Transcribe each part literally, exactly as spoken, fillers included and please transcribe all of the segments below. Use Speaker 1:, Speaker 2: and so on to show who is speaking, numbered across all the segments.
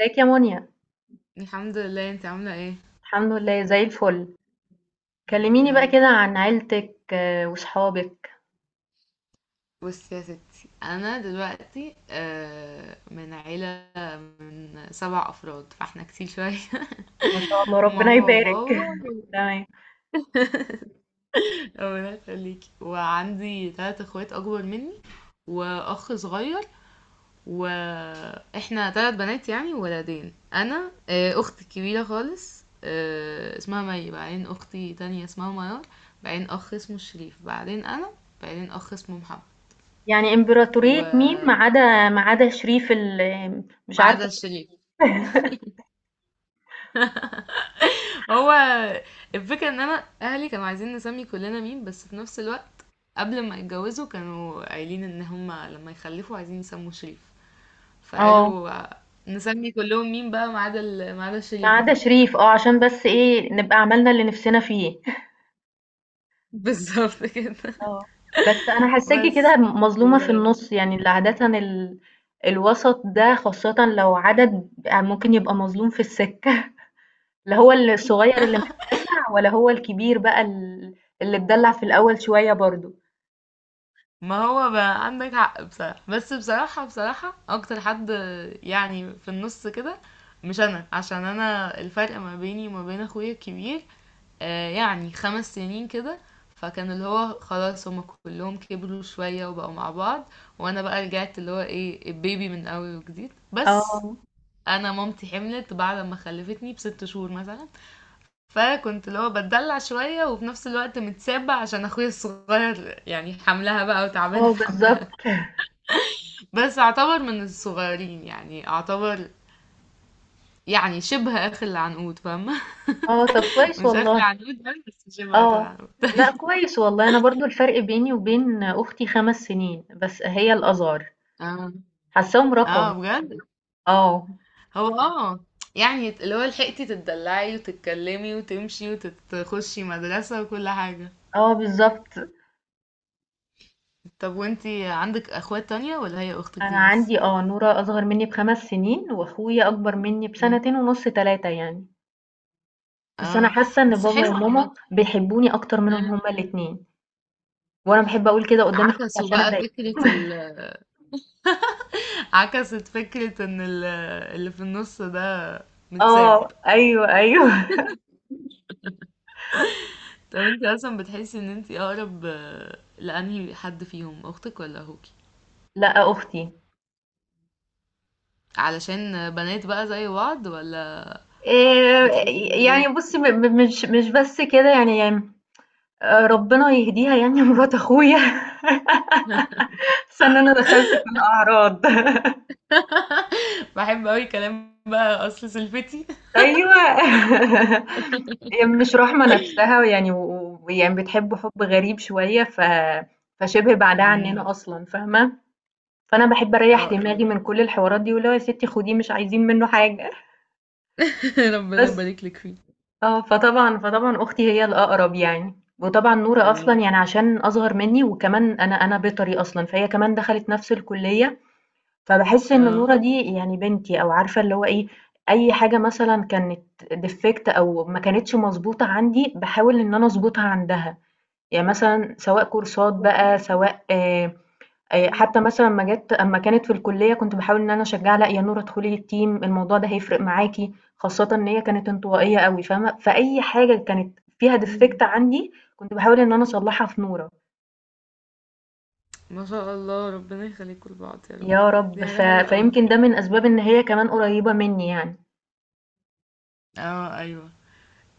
Speaker 1: ازيك يا منى؟
Speaker 2: الحمد لله. انت عاملة ايه؟
Speaker 1: الحمد لله زي الفل.
Speaker 2: الحمد
Speaker 1: كلميني بقى
Speaker 2: لله.
Speaker 1: كده عن عيلتك، آه، وصحابك.
Speaker 2: بصي يا ستي، انا دلوقتي آه، من عيلة من سبع افراد، فاحنا كتير شوية.
Speaker 1: ما شاء الله ربنا
Speaker 2: ماما
Speaker 1: يبارك.
Speaker 2: وبابا،
Speaker 1: تمام.
Speaker 2: ربنا يخليكي. وعندي تلات اخوات اكبر مني واخ صغير، واحنا تلات بنات يعني وولدين. انا آه، اختي الكبيرة خالص آه، اسمها مي، بعدين اختي تانية اسمها ميار، بعدين اخ اسمه شريف، بعدين انا، بعدين اخ اسمه محمد.
Speaker 1: يعني امبراطورية مين،
Speaker 2: و
Speaker 1: ما عدا ما عدا شريف ال مش
Speaker 2: ما
Speaker 1: عارفة.
Speaker 2: عدا الشريف. هو الفكرة ان انا اهلي كانوا عايزين نسمي كلنا مين، بس في نفس الوقت قبل ما يتجوزوا كانوا قايلين ان هما لما يخلفوا عايزين يسموا شريف،
Speaker 1: اه،
Speaker 2: فقالوا نسمي كلهم مين بقى ما عدا ال- ما عدا
Speaker 1: ما
Speaker 2: الشريف
Speaker 1: عدا
Speaker 2: ده.
Speaker 1: شريف. اه عشان بس ايه نبقى عملنا اللي نفسنا فيه.
Speaker 2: بالظبط كده.
Speaker 1: اه. بس انا حاساكي
Speaker 2: بس
Speaker 1: كده
Speaker 2: و...
Speaker 1: مظلومة في النص، يعني اللي عادة ال... الوسط ده، خاصة لو عدد ممكن يبقى مظلوم في السكة. لا هو الصغير اللي متدلع، ولا هو الكبير بقى ال- اللي اتدلع في الأول شوية برضو.
Speaker 2: ما هو بقى عندك حق بصراحة، بس بصراحة بصراحة أكتر حد يعني في النص كده، مش أنا، عشان أنا الفرق ما بيني وما بين أخويا الكبير آه، يعني خمس سنين كده. فكان اللي هو خلاص هما كلهم كبروا شوية وبقوا مع بعض، وانا بقى رجعت اللي هو ايه، البيبي من اول وجديد. بس
Speaker 1: اه.
Speaker 2: انا مامتي حملت بعد ما خلفتني بست شهور مثلا، فكنت اللي هو بتدلع شوية وفي نفس الوقت متسابة عشان اخويا الصغير، يعني حملها بقى وتعبانة
Speaker 1: اه
Speaker 2: في حملها.
Speaker 1: بالظبط.
Speaker 2: بس اعتبر من الصغيرين، يعني اعتبر، يعني شبه اخ العنقود، فاهمة؟
Speaker 1: اه طب كويس
Speaker 2: مش اخ
Speaker 1: والله.
Speaker 2: العنقود، بس شبه اخ
Speaker 1: اه،
Speaker 2: العنقود.
Speaker 1: لا
Speaker 2: طيب.
Speaker 1: كويس والله، انا برضو الفرق بيني وبين اختي خمس سنين، بس هي الازهر
Speaker 2: اه،
Speaker 1: حاساهم رقم.
Speaker 2: اه، بجد.
Speaker 1: اه.
Speaker 2: هو اه يعني اللي هو لحقتي تتدلعي وتتكلمي وتمشي وتخشي مدرسة وكل حاجة.
Speaker 1: اه بالظبط.
Speaker 2: طب وانتي عندك اخوات تانية ولا هي اختك
Speaker 1: انا
Speaker 2: دي بس؟
Speaker 1: عندي، اه نورة اصغر مني بخمس سنين، واخويا اكبر مني
Speaker 2: مم.
Speaker 1: بسنتين ونص، تلاتة يعني. بس انا
Speaker 2: اه،
Speaker 1: حاسة ان
Speaker 2: بس
Speaker 1: بابا
Speaker 2: حلو عامة.
Speaker 1: وماما بيحبوني اكتر منهم
Speaker 2: مم.
Speaker 1: هما الاتنين. وأنا باحب أقول كده قدّام إخواتي
Speaker 2: عكسوا
Speaker 1: عشان
Speaker 2: بقى فكرة
Speaker 1: أضايقهم.
Speaker 2: ال عكست فكرة ان ال... اللي في النص ده متساب.
Speaker 1: آه، أيوه، أيوه.
Speaker 2: طب انتي اصلا بتحسي ان انتي اقرب آه، لانهي حد فيهم، اختك ولا اخوكي؟
Speaker 1: لأ، أختي.
Speaker 2: علشان بنات بقى زي بعض، ولا
Speaker 1: آآ،
Speaker 2: بتحسي ايه؟
Speaker 1: يعني بُصّي، م م مش مش بس كده يعني. آآ، ربنا يهديها، يعني مرات أخويا. حاسة إن أنا دخلت في الأعراض.
Speaker 2: باحب أوي كلام بقى، أصل سلفتي.
Speaker 1: أيوه. هي مش راحمة نفسها، ويعني و ويعني بتحبه حُب غريب شوية، ف فشِبه بعيدة عننا
Speaker 2: إمم.
Speaker 1: أصلًا، فاهمة؟ فأنا باحب أريّح
Speaker 2: آه،
Speaker 1: دماغي
Speaker 2: يعني
Speaker 1: من كل الحوارات دي، واللي هو يا ستي خديه، مش عايزين منّه حاجة.
Speaker 2: ربنا
Speaker 1: بس.
Speaker 2: يبارك لِك فيه.
Speaker 1: اه، فطبعًا فطبعًا أختي هي الأقرب يعني، وطبعًا نورة
Speaker 2: آه،
Speaker 1: أصلًا يعني عشان أصغر مني، وكمان أنا أنا بيطري أصلًا، فهي كمان دخلت نفس الكلية، فباحس إن
Speaker 2: آه.
Speaker 1: نورة دي يعني بنتي، أو عارفة اللي هو إيه، أي حاجة مثلًا كانت defect أو ما كانتش مضبوطة عندي باحاول إن أنا أضبطها عندها، يعني مثلًا سواء كورسات بقى، سواء، آه، آآ حتى مثلًا، أمّا جات أمّا كانت في الكلية كنت باحاول إن أنا أشجّعها، لأ يا نورة ادخلي الteam، الموضوع ده هيفرق معاكِ، خاصةً إن هي كانت انطوائية أوي، فاهمة؟ فأي حاجة كانت فيها
Speaker 2: إمم.
Speaker 1: defect عندي كنت باحاول إن أنا أصلّحها في نورة.
Speaker 2: ما شاء الله، ربنا يخلّيكم لبعض يا رب.
Speaker 1: يا رب.
Speaker 2: دي حاجة
Speaker 1: ف
Speaker 2: حلوة أوي.
Speaker 1: فيمكن ده من أسباب إن هي كمان قريبة منّي يعني.
Speaker 2: آه، أيوه.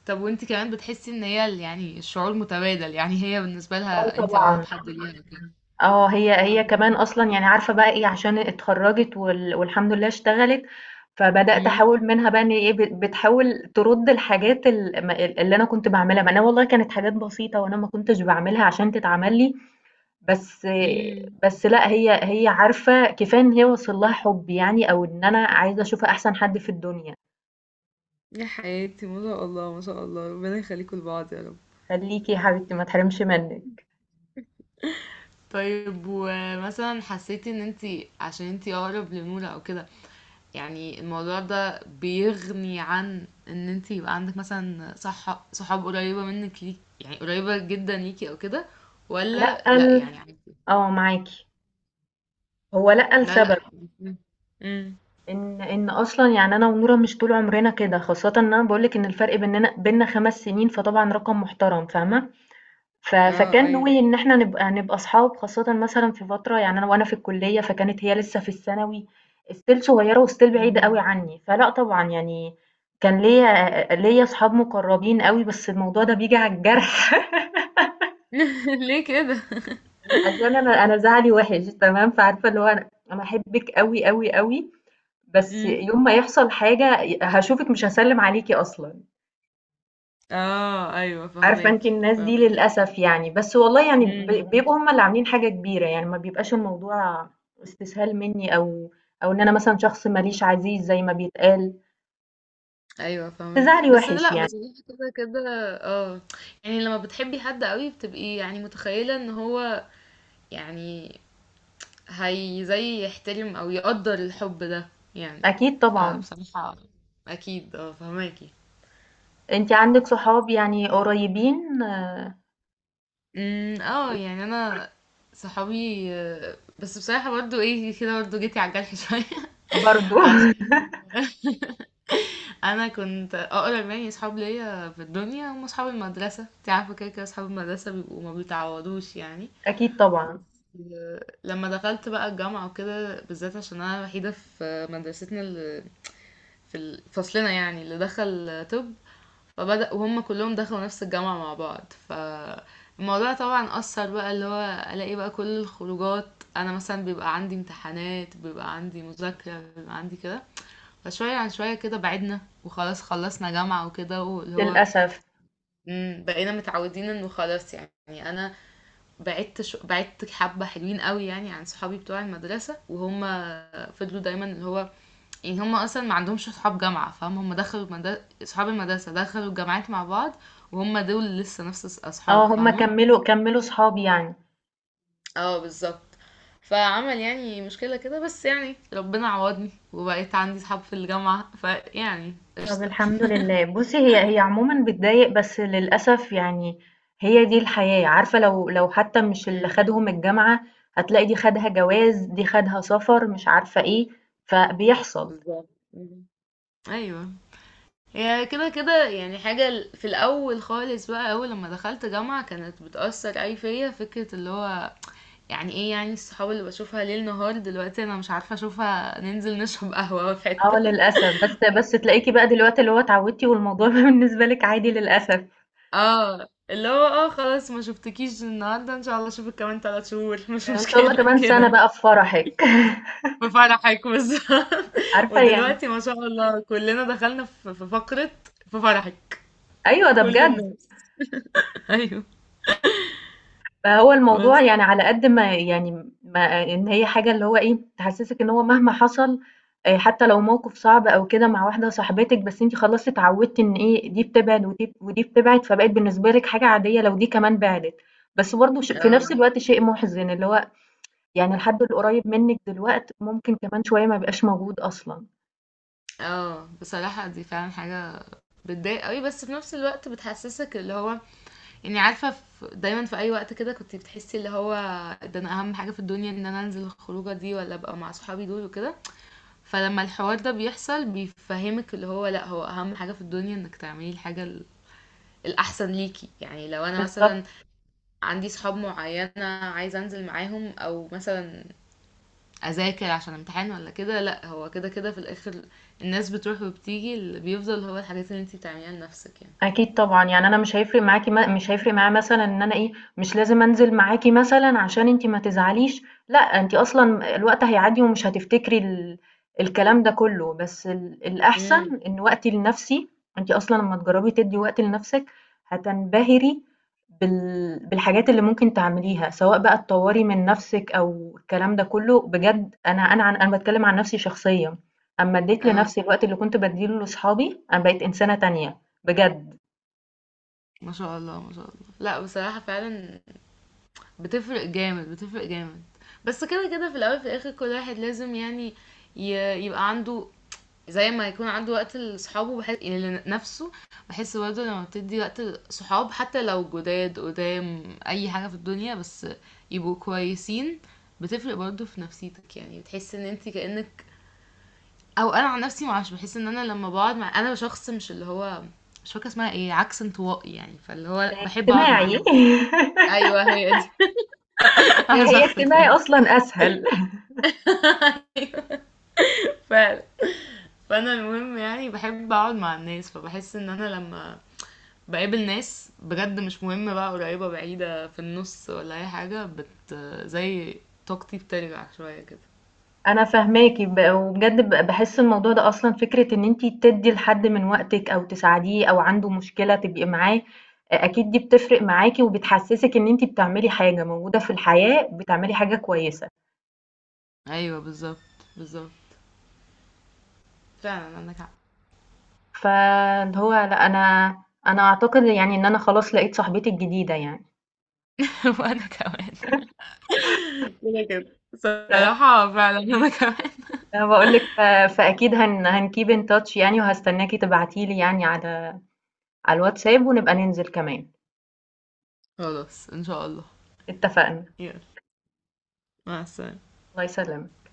Speaker 2: طَب وأنتِ كمان بتحسّي إن هي ال يعني الشعور متبادل، يعني هي بالنسبة
Speaker 1: آه
Speaker 2: لها أنتِ
Speaker 1: طبعًا.
Speaker 2: أقرب حد ليها وكده.
Speaker 1: آه، هي هي كمان
Speaker 2: إمم،
Speaker 1: أصلًا يعني عارفة بقى إيه، عشان اتخرّجت، وال والحمد لله اشتغلت، فبدأت أحاول منها بقى إن إيه، بت بتحاول ترُد الحاجات ال م ال اللي أنا كنت باعملها، ما أنا والله كانت حاجات بسيطة، وأنا ما كنتش باعملها عشان تتعمل لي، بس.
Speaker 2: إمم.
Speaker 1: بس لأ، هي هي عارفة كفاية إن هي واصل لها حُبّي، يعني أو إن أنا عايزة أشوفها أحسن حد في الدنيا.
Speaker 2: يا حياتي، ما شاء الله، ما شاء الله، ربنا يخلّيكم لبعض يا رب.
Speaker 1: خلّيكِ يا حبيبتي ما تحرمش منِّك.
Speaker 2: طيب، ومثلا حسيتي ان انتي عشان انتي اقرب لنورة او كده، يعني الموضوع ده بيغني عن ان انتي يبقى عندك مثلا صح صحاب قريبة منك ليك، يعني قريبة جدا ليكي او كده،
Speaker 1: لأ،
Speaker 2: ولا لا
Speaker 1: ال
Speaker 2: يعني عادي؟
Speaker 1: آه، معاكِ. هو لأ
Speaker 2: لا، لا.
Speaker 1: لسبب.
Speaker 2: امم،
Speaker 1: إن إن أصلًا يعني أنا ونورا مش طول عمرنا كده، خاصةً إن أنا باقول لِك إن الفرق بيننا بيننا 5 سنين، فطبعًا رقم محترم، فاهمة؟ ف
Speaker 2: اه،
Speaker 1: فكان
Speaker 2: ايوه.
Speaker 1: نوي إن إحنا نبقى نبقى أصحاب، خاصةً مثلًا في فترة يعني أنا وأنا في الكلية، فكانت هي لسه في الثانوي، still صغيرة، وstill بعيدة أوي
Speaker 2: مم.
Speaker 1: عني، فلأ طبعًا يعني كان ليّا ليّا أصحاب مقربين أوي، بس الموضوع ده بييجي على الجرح.
Speaker 2: ليه كده؟
Speaker 1: عشان أنا أنا زعلي وِحِش تمام، فعارفة اللي هو أنا أنا أحبِّك أوي، أوي، أوي، بس
Speaker 2: امم،
Speaker 1: يوم ما يحصل حاجة ي هاشوفِك مش هاسلِّم عليكِ أصلًا،
Speaker 2: اه، ايوه،
Speaker 1: عارفة؟ أنتِ
Speaker 2: فهماكي.
Speaker 1: الناس دي للأسف يعني، بس والله يعني، ب
Speaker 2: فهماكي،
Speaker 1: بيبقوا هُم اللي عاملين حاجة كبيرة، يعني ما بيبقاش الموضوع استسهال منّي، أو أو إن أنا مثلًا شخص ما ليش عزيز زي ما بيتقال،
Speaker 2: ايوه،
Speaker 1: بس
Speaker 2: فاهمك.
Speaker 1: زعلي
Speaker 2: بس
Speaker 1: وِحِش
Speaker 2: لا،
Speaker 1: يعني.
Speaker 2: بصراحه كده كده. اه، يعني لما بتحبي حد قوي بتبقي يعني متخيله ان هو، يعني هي زي يحترم او يقدر الحب ده يعني.
Speaker 1: أكيد طبعًا.
Speaker 2: فبصراحه اكيد، اه فهماكي.
Speaker 1: أنتِ عندِك صحاب يعني قريبين؟
Speaker 2: امم، اه، يعني انا صحابي آه، بس بصراحه برضو ايه كده، برضو جيتي على الجرح شويه.
Speaker 1: برضه.
Speaker 2: عشان انا كنت اقرب يعني اصحاب ليا في الدنيا هم اصحاب المدرسه، انت عارفه كده كده اصحاب المدرسه بيبقوا ما بيتعوضوش يعني.
Speaker 1: أكيد طبعًا.
Speaker 2: لما دخلت بقى الجامعة وكده، بالذات عشان أنا الوحيدة في مدرستنا اللي في فصلنا يعني اللي دخل طب، فبدأ وهم كلهم دخلوا نفس الجامعة مع بعض، فالموضوع طبعا أثر بقى، اللي هو ألاقي بقى كل الخروجات، أنا مثلا بيبقى عندي امتحانات، بيبقى عندي مذاكرة، بيبقى عندي كده. فشوية عن شوية كده بعدنا، وخلاص خلصنا جامعة وكده، واللي هو
Speaker 1: للأسف.
Speaker 2: مم، بقينا متعودين انه خلاص يعني. انا بعدت شو... بعدت حبة حلوين قوي يعني عن صحابي بتوع المدرسة، وهم فضلوا دايما اللي هو، يعني هم اصلا ما عندهمش صحاب جامعة، فاهم؟ هم دخلوا مد... صحاب المدرسة دخلوا الجامعات مع بعض، وهم دول لسه نفس الص-
Speaker 1: آه،
Speaker 2: اصحاب،
Speaker 1: هُم
Speaker 2: فاهمة؟
Speaker 1: كمّلوا كمّلوا صحاب يعني.
Speaker 2: اه، بالظبط. فعمل يعني مشكلة كده، بس يعني ربنا عوضني وبقيت عندي صحاب في الجامعة، فيعني
Speaker 1: طب
Speaker 2: قشطة.
Speaker 1: الحمد لله. بُصّي هي هي عمومًا بتضايق، بس للأسف يعني هي دي الحياة، عارفة؟ لو لو حتى مش اللي
Speaker 2: مم.
Speaker 1: خدهم الجامعة، هتلاقي دي خدها جواز، دي خدها سفر، مش عارفة إيه، فبيحصل.
Speaker 2: بالظبط. مم. ايوه، هي كده كده يعني حاجة ال- في الأول خالص بقى، أول لما دخلت جامعة كانت بتأثر أي فيا، فكرة اللي هو يعني ايه، يعني الصحاب اللي بشوفها ليل نهار دلوقتي أنا مش عارفة أشوفها، ننزل نشرب قهوة في
Speaker 1: آه
Speaker 2: حتة.
Speaker 1: للأسف، بس بس تلاقيكِ بقى دلوقتي اللي هو اتعودتِ، والموضوع بقى بالنسبة لِك عادي للأسف.
Speaker 2: اه، اللي هو اه خلاص ما شفتكيش النهاردة، ان شاء الله اشوفك كمان ثلاث شهور، مش
Speaker 1: يعني إن شاء الله
Speaker 2: مشكلة
Speaker 1: كمان سنة
Speaker 2: كده.
Speaker 1: بقى في فرحِك.
Speaker 2: في فرحك بالظبط.
Speaker 1: عارفة يعني.
Speaker 2: ودلوقتي ما شاء الله كلنا دخلنا في في فقرة في فرحك،
Speaker 1: أيوه ده
Speaker 2: كل
Speaker 1: بجد.
Speaker 2: الناس. ايوه.
Speaker 1: فهو الموضوع
Speaker 2: بس
Speaker 1: يعني، على قد ما يعني ما إن هي حاجة اللي هو إيه، تحسّسِك إن هو مهما حصل، آآ حتى لو موقف صعب أو كده مع واحدة صاحبتِك، بس أنتِ خلاص اتعوّدتِ إن إيه، دي بتبعد ودي ودي بتبعد، فبقت بالنسبة لِك حاجة عادية لو دي كمان بِعدِت. بس برضه ش في نفس الوقت شيء مُحزِن، اللي هو يعني الحد القريّب منِّك دلوقت ممكن كمان شوية ما يبقاش موجود أصلًا.
Speaker 2: اه، بصراحة دي فعلا حاجة بتضايق قوي، بس في نفس الوقت بتحسسك اللي هو يعني، عارفة، في دايما في اي وقت كده كنت بتحسي اللي هو ده انا اهم حاجة في الدنيا، ان انا انزل الخروجة دي ولا ابقى مع صحابي دول وكده. فلما الحوار ده بيحصل بيفهمك اللي هو لا، هو اهم حاجة في الدنيا انك تعملي الحاجة ال- الاحسن ليكي، يعني لو انا مثلا
Speaker 1: بالضبط.
Speaker 2: عندي صحاب معينة عايزة انزل معاهم، او مثلا أذاكر عشان امتحان ولا كده، لأ هو كده كده في الآخر الناس بتروح وبتيجي، اللي بيفضل هو الحاجات اللي انتي بتعمليها لنفسِك يعني.
Speaker 1: أكيد طبعًا، يعني أنا مش هيفرق معاكِ، م مش هيفرق معايا، مثلًا إن أنا إيه، مش لازم أنزل معاكِ مثلًا عشان أنتِ ما تزعليش، لأ أنتِ أصلًا الوقت هيعدّي، ومش هتفتكري ال الكلام ده كله، بس ال
Speaker 2: امم.
Speaker 1: الأحسن إن وقتي لنَفْسي. أنتِ أصلًا أمّا تجرّبي تدّي وقت لنَفْسِك هتنبهري بال بالحاجات اللي ممكن تعمليها، سواء بقى تطوّري من نَفْسِك أو الكلام ده كله، بجد أنا أنا عن أنا باتكلّم عن نَفْسي شخصيًا، أمّا ادّيت
Speaker 2: آه،
Speaker 1: لنَفْسي الوقت اللي كنت بادّيه لأصحابي، أنا بقيت إنسانة تانية بجد.
Speaker 2: ما شاء الله، ما شاء الله. لأ بصراحة فعلًا بتفرق جامد، بتفرق جامد. بس كده كده في الأول في الآخر كل واحد لازم يعني ي يبقى عنده، زي ما يكون عنده وقت لصحابه بحس يعني لنفسه. بحس برضه لما بتدي وقت لصحاب حتى لو جداد قدام اي حاجة في الدنيا، بس يبقوا كويسين، بتفرق برضه في نفسيتك، يعني بتحس ان انت كأنك، او انا عن نفسي معرفش، بحس ان انا لما بقعد مع انا شخص، مش اللي هو مش فاكرة اسمها ايه، عكس انطوائي يعني، فاللي هو بحب اقعد مع
Speaker 1: اجتماعي.
Speaker 2: الناس. ايوه، هي دي. على
Speaker 1: هي
Speaker 2: شخصك
Speaker 1: اجتماعي
Speaker 2: ده.
Speaker 1: أصلًا أسهل.
Speaker 2: فعلا. فانا المهم يعني بحب اقعد مع الناس، فبحس ان انا لما باقابل ناس بجد مش مهم بقى قريبة بعيدة في النص ولا أي حاجة، بت زي طاقتي بترجع شوية كده.
Speaker 1: أنا فاهماكِ، ب وبجد ب باحس الموضوع ده أصلًا، فكرة إن أنتِ تدّي لحد من وقتِك أو تساعديه أو عنده مشكلة تبقي معاه، أ أكيد دي بتفرق معاكِ، وبتحسسِك إن أنتِ بتعملي حاجة موجودة في الحياة، بتعملي حاجة كويسة،
Speaker 2: أيوه، بالظبط بالظبط، فعلا عندك حق.
Speaker 1: فاللي هو لأ، أنا أنا أعتقد يعني إن أنا خلاص لقيت صاحبتي الجديدة يعني.
Speaker 2: وأنا كمان كده كده
Speaker 1: ف
Speaker 2: صراحة، فعلا أنا كمان.
Speaker 1: أنا باقول لِك، ف فأكيد هن هنkeep in touch يعني، وهاستناكِ تبعتي لي يعني على على الواتساب، ونبقى ننزل كمان.
Speaker 2: خلاص، إن شاء الله.
Speaker 1: اتفقنا.
Speaker 2: يلا، مع السلامة.
Speaker 1: الله يسلمك.